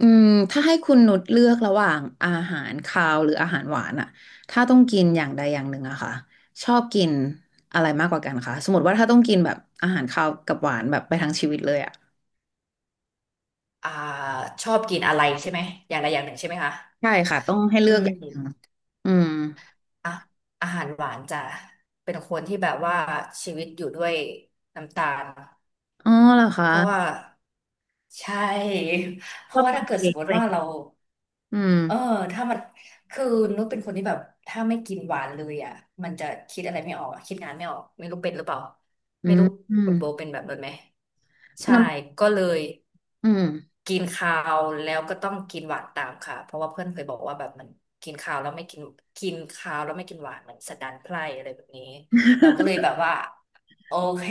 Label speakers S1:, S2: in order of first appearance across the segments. S1: อืมถ้าให้คุณนุชเลือกระหว่างอาหารคาวหรืออาหารหวานอะถ้าต้องกินอย่างใดอย่างหนึ่งอะค่ะชอบกินอะไรมากกว่ากันคะสมมติว่าถ้าต้องกินแบบอาหารคาวกับหวานแบบไปทั้งชีวิตเลยอะ
S2: อ่าชอบกินอะไรใช่ไหมอย่างใดอย่างหนึ่งใช่ไหมคะ
S1: ใช่ค่ะต้องให้เลื
S2: อื
S1: อกอย่าง
S2: ม
S1: อืม
S2: อ่ะอาหารหวานจะเป็นคนที่แบบว่าชีวิตอยู่ด้วยน้ำตาล
S1: อ๋อเหรอ
S2: เพราะว่า
S1: คะ
S2: ใช่ เพ
S1: ชอ
S2: ราะ
S1: บ
S2: ว่า
S1: กิ
S2: ถ้า
S1: น
S2: เกิด
S1: เค้
S2: ส
S1: ก
S2: มม
S1: อะไร
S2: ติ
S1: อ
S2: ว่า
S1: ย่างเงี้
S2: เรา
S1: อืม
S2: เออถ้ามันคือนุชเป็นคนที่แบบถ้าไม่กินหวานเลยอ่ะมันจะคิดอะไรไม่ออกอะคิดงานไม่ออกไม่รู้เป็นหรือเปล่า
S1: อื
S2: ไม่
S1: ม
S2: รู้
S1: อืม
S2: คุณโบเป็นแบบนั้นไหมใช่
S1: น้
S2: ก็เลย
S1: ำอืม
S2: กินคาวแล้วก็ต้องกินหวานตามค่ะเพราะว่าเพื่อนเคยบอกว่าแบบมันกินคาวแล้วไม่กินกินคาวแล้วไม่กินหวานมันสันดานไพร่อะไรแบบนี้เราก็เลยแบบว่าโอเค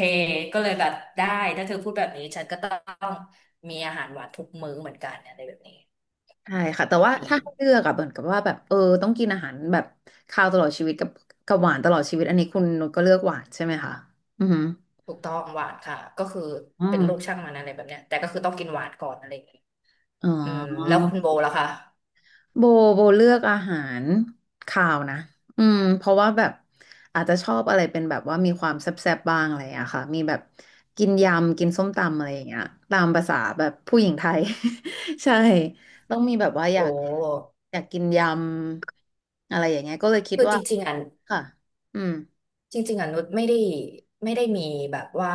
S2: ก็เลยแบบได้ถ้าเธอพูดแบบนี้ฉันก็ต้องมีอาหารหวานทุกมื้อเหมือนกันอะไรแบบนี้
S1: ใช่ค่ะแต่ว่า
S2: อื
S1: ถ้า
S2: ม
S1: ให้เลือกอะเหมือนกับว่าแบบต้องกินอาหารแบบคาวตลอดชีวิตกับหวานตลอดชีวิตอันนี้คุณนุชก็เลือกหวานใช่ไหมคะอืมอหือ
S2: ถูกต้องหวานค่ะก็คือ
S1: อื
S2: เป็นลูก
S1: ม
S2: ช่างมันอะไรแบบเนี้ยแต่ก็คือต้องกินหวานก่อนอะไรอย่างเงี้ย
S1: อ๋อ
S2: อืมแล้วคุณโบล่ะคะ
S1: โบโบเลือกอาหารคาวนะอืมเพราะว่าแบบอาจจะชอบอะไรเป็นแบบว่ามีความแซ่บๆบ้างอะไรอะค่ะมีแบบกินยำกินส้มตำอะไรอย่างเงี้ยตามภาษาแบบผู้หญิงไทย ใช่ต้องมีแบบว่าอ
S2: โอ้
S1: ยากอยากกินยำอะไรอย่างเงี้ยก็เลยคิด
S2: คือ
S1: ว่า
S2: จริงๆอ่ะ
S1: ค่ะอืม
S2: จริงๆอ่ะนุชไม่ได้ไม่ได้มีแบบว่า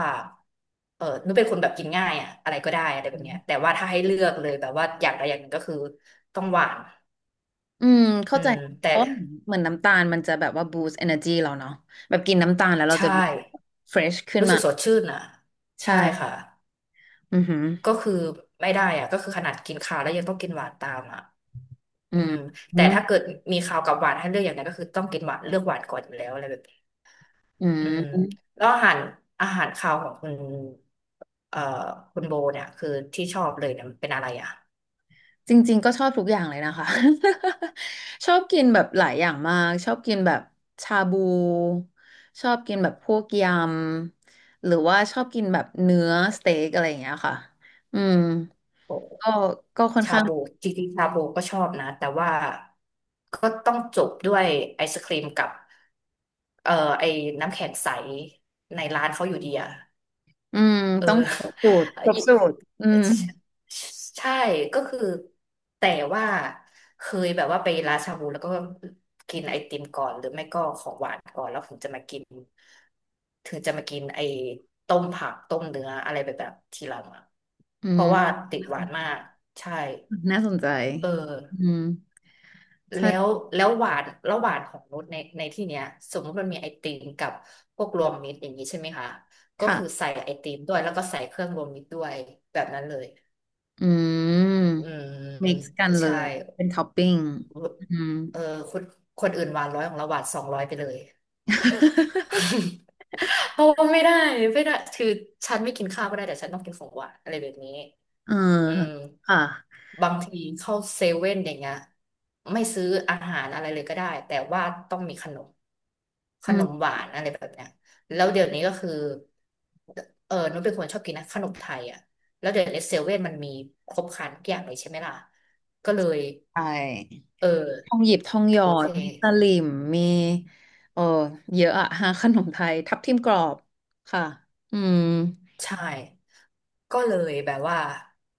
S2: นุชเป็นคนแบบกินง่ายอ่ะอะไรก็ได้อะไรแบบเนี้ยแต่ว่าถ้าให้เลือกเลยแบบว่าอย่างใดอย่างหนึ่งก็คือต้องหวาน
S1: อืมเข้า
S2: อื
S1: ใจ
S2: มแต่
S1: เพราะเหมือนน้ำตาลมันจะแบบว่า boost energy เราเนาะแบบกินน้ำตาลแล้วเราจะ
S2: ใช่
S1: fresh ขึ้น
S2: รู้
S1: มา
S2: สึกสดชื่นอ่ะ
S1: ใช่
S2: ใช่ค่ะ
S1: อือหือ
S2: ก็คือไม่ได้อ่ะก็คือขนาดกินข้าวแล้วยังต้องกินหวานตามอ่ะ
S1: อื
S2: อื
S1: ม
S2: ม
S1: อื
S2: แต่
S1: ม
S2: ถ้าเกิดมีข้าวกับหวานให้เลือกอย่างนั้นก็คือต้องกินหวานเลือกหวานก่อนอยู่แล้วอะไรแบบ
S1: อื
S2: อืม
S1: ม
S2: แล้วอาหารอาหารคาวของคุณเอ่อคุณโบเนี่ยคือที่ชอบเลยเนี่ยมันเป็นอะไรอ่ะ
S1: จริงๆก็ชอบทุกอย่างเลยนะคะ ชอบกินแบบหลายอย่างมากชอบกินแบบชาบูชอบกินแบบพวกยำหรือว่าชอบกินแบบเนื้อสเต็กอะไรอย่างเงี้ยค่ะอืม
S2: โอ้
S1: ก็ค่อน
S2: ชา
S1: ข้าง
S2: บูจริงๆชาบูก็ชอบนะแต่ว่าก็ต้องจบด้วยไอศครีมกับเอ่อไอ้น้ำแข็งใสในร้านเขาอยู่ดีอ่ะ
S1: อืม
S2: เออ
S1: ต้อง
S2: ยิ
S1: อืม
S2: ใช่ก็คือแต่ว่าเคยแบบว่าไปร้านชาบูแล้วก็กินไอติมก่อนหรือไม่ก็ของหวานก่อนแล้วถึงจะมากินถึงจะมากินไอต้มผักต้มเนื้ออะไรแบบแบบทีหลังอะ
S1: อื
S2: เพ
S1: ม
S2: ราะว่าติด
S1: น่า
S2: หวาน
S1: ส
S2: มา
S1: น
S2: กใช่
S1: น่าสนใจ
S2: เออ
S1: อืม
S2: แล้ว
S1: ใช่
S2: แล้วหวานแล้วหวานของรสในที่เนี้ยสมมติมันมีไอติมกับพวกรวมมิตรอย่างนี้ใช่ไหมคะก็คือ
S1: ค่ะ
S2: ใส่ไอติมด้วยแล้วก็ใส่เครื่องรวมมิตรด้วยแบบนั้นเลย
S1: อืม
S2: อืม
S1: mix กันเล
S2: ใช่
S1: ยเป็นท็อปปิ้งอืม
S2: เออคนคนอื่นหวานร้อยของเราหวาน200ไปเลย เพราะว่าไม่ได้ไม่ได้คือฉันไม่กินข้าวก็ได้แต่ฉันต้องกินของหวานอะไรแบบนี้
S1: เออ
S2: อืม
S1: ค่ะ
S2: บางทีเข้าเซเว่นอย่างเงี้ยไม่ซื้ออาหารอะไรเลยก็ได้แต่ว่าต้องมีขนมข
S1: อื
S2: นม
S1: ม
S2: หวานอะไรแบบเนี้ยแล้วเดี๋ยวนี้ก็คือนุชเป็นคนชอบกินนะขนมไทยอ่ะแล้วเดี๋ยวนี้เซเว่นมันมีครบครันทุกอย่างเลยใช่ไหมล่ะก็เลย
S1: ใช่
S2: เออ
S1: ทองหยิบทองหยอ
S2: โอเค
S1: ดมีตะหลิมมีเออเยอะอะ ฮะขนมไทยทับทิมกรอบค่ะอืม
S2: ใช่ ก็เลยแบบว่า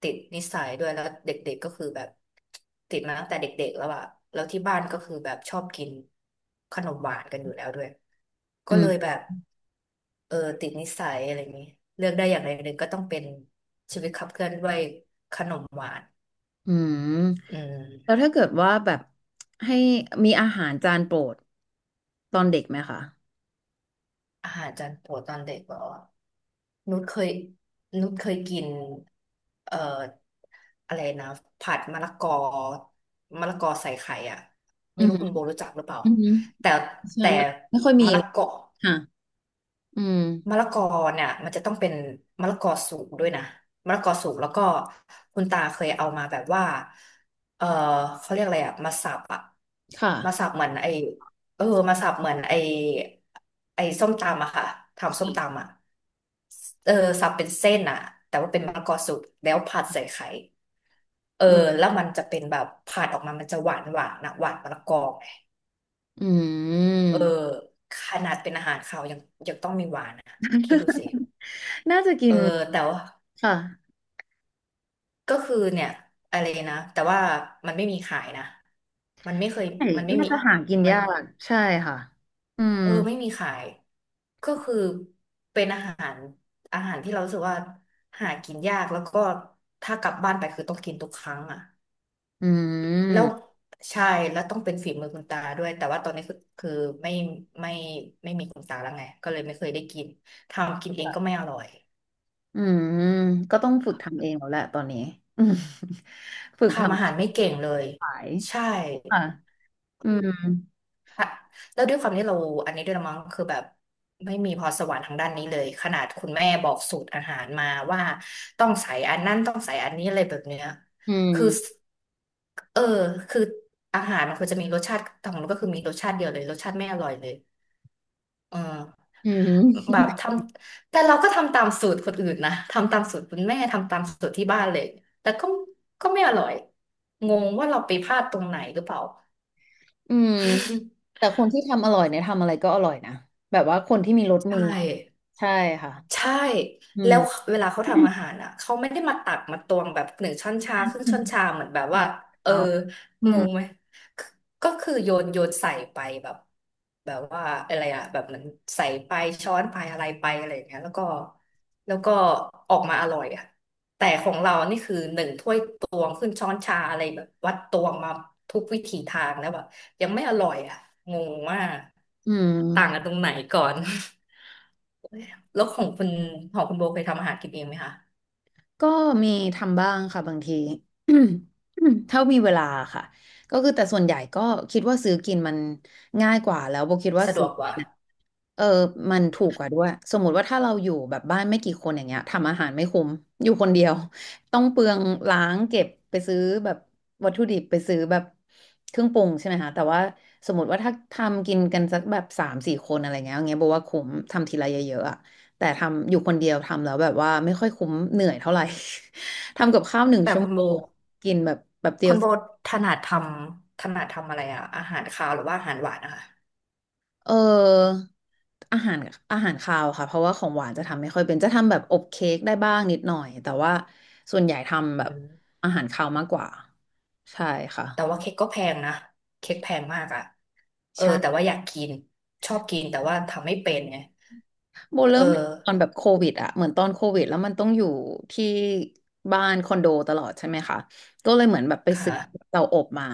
S2: ติดนิสัยด้วยแล้วเด็กๆก็คือแบบติดมาตั้งแต่เด็กๆแล้วอะแล้วที่บ้านก็คือแบบชอบกินขนมหวานกันอยู่แล้วด้วย
S1: อื
S2: ก็เลย
S1: ม
S2: แบบติดนิสัยอะไรอย่างนี้เลือกได้อย่างใดอย่างหนึ่งก็ต้องเป็นชีวิตขับเคลื่อนด้วยขนมหวาน
S1: อืม
S2: อื
S1: แล้ว
S2: ม
S1: ถ้าเกิดว่าแบบให้มีอาหารจานโปรดตอนเด็กไหมคะ
S2: อาหารจานโปรดตอนเด็กบอกหรอนุชเคยนุชเคยกินเอ่ออะไรนะผัดมะละกอมะละกอใส่ไข่อ่ะ
S1: อื
S2: ไม่
S1: มอ
S2: รู้
S1: หือ
S2: คุณโบรู้จักหรือเปล่า
S1: อืมอหือ
S2: แต่
S1: ใช่
S2: แต่
S1: มันไม่ค่อยมี
S2: มะละ
S1: เลย
S2: กอ
S1: ค่ะอืม
S2: มะละกอเนี่ยมันจะต้องเป็นมะละกอสุกด้วยนะมะละกอสุกแล้วก็คุณตาเคยเอามาแบบว่าเออเขาเรียกอะไรอะมาสับอะ
S1: ค่ะ
S2: มาสับเหมือนไอเออมาสับเหมือนไอไอส้มตำอะค่ะทำส้ม
S1: ค่ะ
S2: ตำอะเออสับเป็นเส้นอะแต่ว่าเป็นมะละกอสุกแล้วผัดใส่ไข่เออ
S1: อืม
S2: แล้วมันจะเป็นแบบผัดออกมามันจะหวานหวานนะหวานมะละกอไง
S1: อื
S2: เอ
S1: ม
S2: อขนาดเป็นอาหารคาวยังยังต้องมีหวานอะคิดดูสิ
S1: น่าจะกิ
S2: เอ
S1: น
S2: อแต่ว่า
S1: ค่ะ
S2: ก็คือเนี่ยอะไรนะแต่ว่ามันไม่มีขายนะมันไม่เคย
S1: ใช่
S2: มันไม่
S1: น่า
S2: มี
S1: จะหากิน
S2: มัน
S1: ยาก ใช่ค่ะอืม
S2: ไม่มีขายก็คือเป็นอาหารอาหารที่เรารู้สึกว่าหากินยากแล้วก็ถ้ากลับบ้านไปคือต้องกินทุกครั้งอ่ะ
S1: อื
S2: แล้ว
S1: ม
S2: ใช่แล้วต้องเป็นฝีมือคุณตาด้วยแต่ว่าตอนนี้คือคือไม่ไม่ไม่มีคุณตาแล้วไงก็เลยไม่เคยได้กินทำกินเองก็ไม่อร่อย
S1: อืมก็ต้องฝึกทำเองแล้วแหละตอนนี้ อืมฝึกท
S2: ทำอาหารไม่เก่งเลย
S1: ำขาย
S2: ใช่
S1: ค่ะอืม
S2: ค่ะแล้วด้วยความที่เราอันนี้ด้วยละมั้งคือแบบไม่มีพรสวรรค์ทางด้านนี้เลยขนาดคุณแม่บอกสูตรอาหารมาว่าต้องใส่อันนั้นต้องใส่อันนี้อะไรแบบเนี้ย
S1: อื
S2: คือ
S1: ม
S2: เออคืออาหารมันควรจะมีรสชาติของมันก็คือมีรสชาติเดียวเลยรสชาติไม่อร่อยเลยเออ
S1: อืม
S2: แบบทำแต่เราก็ทำตามสูตรคนอื่นนะทำตามสูตรคุณแม่ทำตามสูตรที่บ้านเลยแต่ก็ไม่อร่อยงงว่าเราไปพลาดตรงไหนหรือเปล่า
S1: อืม แต่คนที่ทำอร่อยเนี่ยทำอะไรก็อร่อยนะ แบบว่าคนที่มีรสมื
S2: ใช่
S1: อ ใช่ค่ะ
S2: ใช่
S1: อื
S2: แล้ว
S1: ม
S2: เวลาเขาทำอาหารอ่ะเขาไม่ได้มาตักมาตวงแบบหนึ่งช้อนชาครึ่งช้อนชาเหมือนแบบว่าเออ
S1: เอาอื
S2: ง
S1: ม
S2: งไหมคือก็คือโยนใส่ไปแบบแบบว่าอะไรอ่ะแบบเหมันใส่ไปช้อนไปอะไรไปอะไรอย่างเงี้ยแล้วก็แล้วก็ออกมาอร่อยอ่ะแต่ของเรานี่คือหนึ่งถ้วยตวงขึ้นช้อนชาอะไรแบบวัดตวงมาทุกวิถีทางแล้วแบบยังไม่อร่อยอ่ะงงว่า
S1: อืม
S2: กต่างกันตรงไหนก่อน แล้วของคุณของคุณโบเคยทำอาหารกินเองไหมคะ
S1: ก็มีทำบ้างค่ะบางที ถ้ามีเวลาค่ะก็คือแต่ส่วนใหญ่ก็คิดว่าซื้อกินมันง่ายกว่าแล้วโบคิดว่า
S2: สะด
S1: ซื้อ
S2: วกก
S1: กิ
S2: ว่า
S1: นเออมันถูกกว่าด้วยสมมุติว่าถ้าเราอยู่แบบบ้านไม่กี่คนอย่างเงี้ยทำอาหารไม่คุ้มอยู่คนเดียวต้องเปลืองล้างเก็บไปซื้อแบบวัตถุดิบไปซื้อแบบเครื่องปรุงใช่ไหมคะแต่ว่าสมมติว่าถ้าทำกินกันสักแบบสามสี่คนอะไรเงี้ยอย่างเงี้ยบอกว่าคุ้มทำทีละเยอะๆอะ แต่ทำอยู่คนเดียวทำแล้วแบบว่าไม่ค่อยคุ้มเหนื่อยเท่าไหร่ ทำกับข้าวหนึ่ง
S2: แต่
S1: ชั่ว
S2: คุณ
S1: โม
S2: โบ
S1: งกินแบบเดี
S2: คุ
S1: ยว
S2: ณ
S1: เส
S2: โบ
S1: ร็จ
S2: ถนัดทำอะไรอะอาหารคาวหรือว่าอาหารหวานนะคะ
S1: เอออาหารคาวค่ะเพราะว่าของหวานจะทำไม่ค่อยเป็นจะทำแบบอบเค้กได้บ้างนิดหน่อยแต่ว่าส่วนใหญ่ทำแบบ
S2: อืม
S1: อาหารคาวมากกว่าใช่ค่ะ
S2: แต่ว่าเค้กก็แพงนะเค้กแพงมากอะเออแต่
S1: ใช่
S2: ว่าอยากกินชอบกินแต่ว่าทำไม่เป็นไง
S1: โบเริ่
S2: เออ
S1: มตอนแบบโควิดอะเหมือนตอนโควิดแล้วมันต้องอยู่ที่บ้านคอนโดตลอดใช่ไหมคะก็เลยเหมือนแบบไป
S2: ค
S1: ซื้อ
S2: ่ะ
S1: เตาอบมา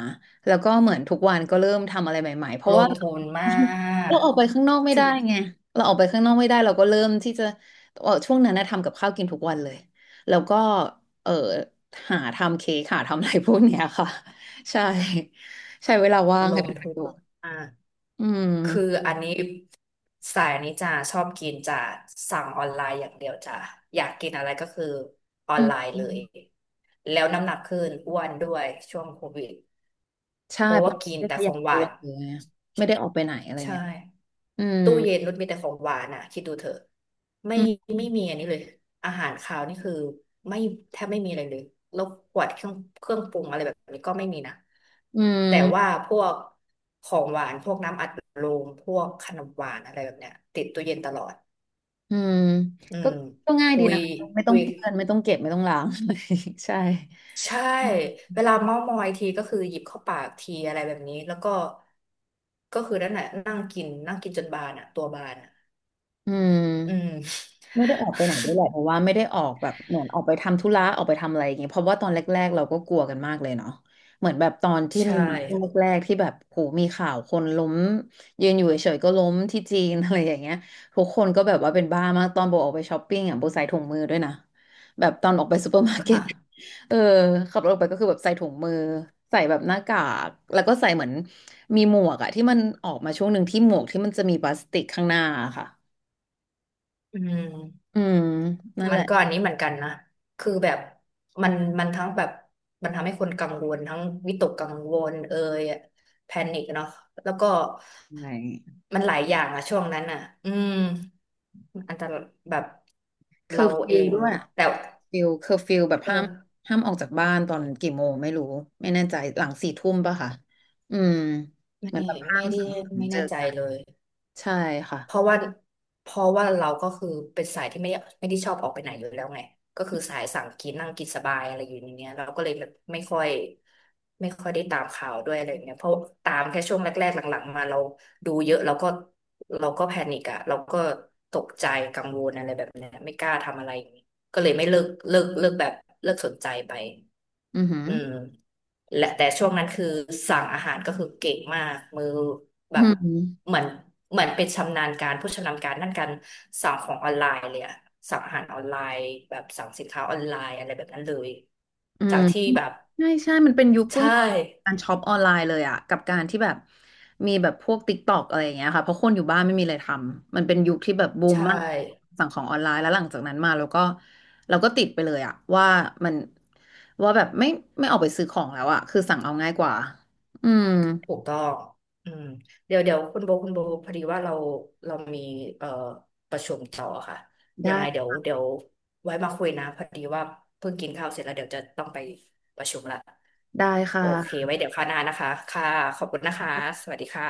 S1: แล้วก็เหมือนทุกวันก็เริ่มทำอะไรใหม่ๆเพราะ
S2: ล
S1: ว่า
S2: งทุนมา ก
S1: เราออกไปข้างนอกไม่
S2: ถึ
S1: ได้
S2: ง
S1: ไงเราออกไปข้างนอกไม่ได้เราก็เริ่มที่จะเออช่วงนั้นนะทำกับข้าวกินทุกวันเลยแล้วก็เออหาทำเค้กหาทำอะไรพวกเนี้ยค่ะใช่ใช้เวลาว่าง
S2: ล
S1: ให้
S2: ง
S1: เป็นประ
S2: ทุ
S1: โย
S2: น
S1: ชน์
S2: มาก
S1: อืม
S2: คืออันนี้สายนี้จะชอบกินจะสั่งออนไลน์อย่างเดียวจ้ะอยากกินอะไรก็คือออ
S1: อื
S2: นไลน์เลย
S1: ม
S2: แล้วน้ำหนักขึ้นอ้วนด้วยช่วงโควิด
S1: ใช่
S2: เพราะ
S1: เพ
S2: ว่า
S1: ราะ
S2: กิ
S1: ไม่
S2: น
S1: ได้
S2: แต่
S1: ข
S2: ข
S1: ยั
S2: อ
S1: บ
S2: งห
S1: ตั
S2: วา
S1: ว
S2: น
S1: หรือยู่ไงไม่ได้ออกไปไหนอะไร
S2: ใช่
S1: เงี้ยอืม
S2: ตู้เย็นนุชมีแต่ของหวานอ่ะคิดดูเถอะไม่
S1: อืม
S2: ไม่มีอันนี้เลยอาหารคาวนี่คือไม่แทบไม่มีอะไรเลยแล้วขวดเครื่องปรุงอะไรแบบนี้ก็ไม่มีนะ
S1: อื
S2: แต่ว่า
S1: ม
S2: พวกของหวานพวกน้ำอัดลมพวกขนมหวานอะไรแบบเนี้ยติดตู้เย็นตลอด
S1: อืม
S2: อื
S1: ก็
S2: ม
S1: ง่าย
S2: คุ
S1: ดี
S2: ย
S1: นะคะไม่ต้
S2: คุ
S1: อง
S2: ย
S1: เปื้อนไม่ต้องเก็บไม่ต้องล้าง ใช่
S2: ใช่
S1: อืม
S2: เวลาเม้าท์มอยทีก็คือหยิบเข้าปากทีอะไรแบบนี้แล้วก็ก็คือนั่นแหละนั่งกินจนบานอ่ะตัวบานอ่ะ
S1: อืม
S2: อืม
S1: ไม่ได้ออกไปไหนด้วยแหละเพราะว่าไม่ได้ออกแบบเหมือนออกไปทำธุระออกไปทำอะไรอย่างเงี้ยเพราะว่าตอนแรกๆเราก็กลัวกันมากเลยเนาะเหมือนแบบตอนที่มั
S2: ใช่
S1: นมาช่วงแรกๆที่แบบโหมีข่าวคนล้มยืนอยู่เฉยๆก็ล้มที่จีน อะไรอย่างเงี้ยทุกคนก็แบบว่าเป็นบ้ามากตอนโบออกไปช้อปปิ้งอ่ะโบใส่ถุงมือด้วยนะแบบตอนออกไปซูเปอร์มาร์เก็ต
S2: ค่ะ
S1: เออขับรถออกไปก็คือแบบใส่ถุงมือใส่แบบหน้ากากแล้วก็ใส่เหมือนมีหมวกอะที่มันออกมาช่วงหนึ่งที่หมวกที่มันจะมีพลาสติกข้างหน้าอะค่ะ
S2: อืม
S1: อืมนั่นแห
S2: มัน
S1: ละ
S2: ก็อันนี้เหมือนกันนะคือแบบมันทั้งแบบมันทำให้คนกังวลทั้งวิตกกังวลเอ่ยแพนิคเนาะแล้วก็
S1: ใช่
S2: มันหลายอย่างอะช่วงนั้นอะอืมอันตรายแบบ
S1: เคอ
S2: เรา
S1: ร์ฟิ
S2: เอ
S1: ว
S2: ง
S1: ด้วยอะ
S2: แต่
S1: เคอร์ฟิวแบบ
S2: เออ
S1: ห้ามออกจากบ้านตอนกี่โมงไม่รู้ไม่แน่ใจหลังสี่ทุ่มป่ะค่ะอืมเห
S2: ไม่
S1: มือนแบบห้า
S2: ไม่
S1: ม
S2: ได้
S1: สังสรรค์
S2: ไม่
S1: เจอ
S2: แน่ใจ
S1: กัน
S2: เลย
S1: ใช่ค่ะ
S2: เพราะว่าเราก็คือเป็นสายที่ไม่ได้ชอบออกไปไหนอยู่แล้วไงก็คือสายสั่งกินนั่งกินสบายอะไรอยู่ในเนี้ยเราก็เลยแบบไม่ค่อยได้ตามข่าวด้วยอะไรเงี้ยเพราะตามแค่ช่วงแรกๆหลังๆมาเราดูเยอะเราก็แพนิกอะเราก็ตกใจกังวลอะไรแบบเนี้ยไม่กล้าทำอะไรอย่างงี้ก็เลยไม่เลิกแบบเลิกสนใจไป
S1: อือหือ
S2: เออและแต่ช่วงนั้นคือสั่งอาหารก็คือเก่งมากมือแบ
S1: อื
S2: บ
S1: ม
S2: เหมือนเป็นชำนาญการผู้ชำนาญการด้านการสั่งของออนไลน์เลยอะสั่งอาหารออนไลน์แบบสั่งสินค้าออนไลน์อะไรแบบนั้นเลย
S1: อื
S2: จา
S1: ม
S2: กที่แบบ
S1: ใช่ใช่มันเป็นยุคเฟื่อง
S2: ใช่
S1: การช็อปออนไลน์เลยอะกับการที่แบบมีแบบพวกติ๊กตอกอะไรอย่างเงี้ยค่ะเพราะคนอยู่บ้านไม่มีอะไรทำมันเป็นยุคที่แบบบูม
S2: ใช่
S1: มากสั่งของออนไลน์แล้วหลังจากนั้นมาเราก็ติดไปเลยอะว่ามันว่าแบบไม่ออกไปซื้อของแล้วอะคือสั่งเอาง่ายกว่าอืม
S2: ถูกต้องอืมเดี๋ยวคุณโบพอดีว่าเราเรามีเอ่อประชุมต่อค่ะ
S1: ได้
S2: ยังไงเดี๋ยวไว้มาคุยนะพอดีว่าเพิ่งกินข้าวเสร็จแล้วเดี๋ยวจะต้องไปประชุมละ
S1: ได้
S2: โอเค
S1: ค่ะ
S2: ไว้เดี๋ยวคราวหน้านะคะค่ะขอบคุณนะคะ สวัสดีค่ะ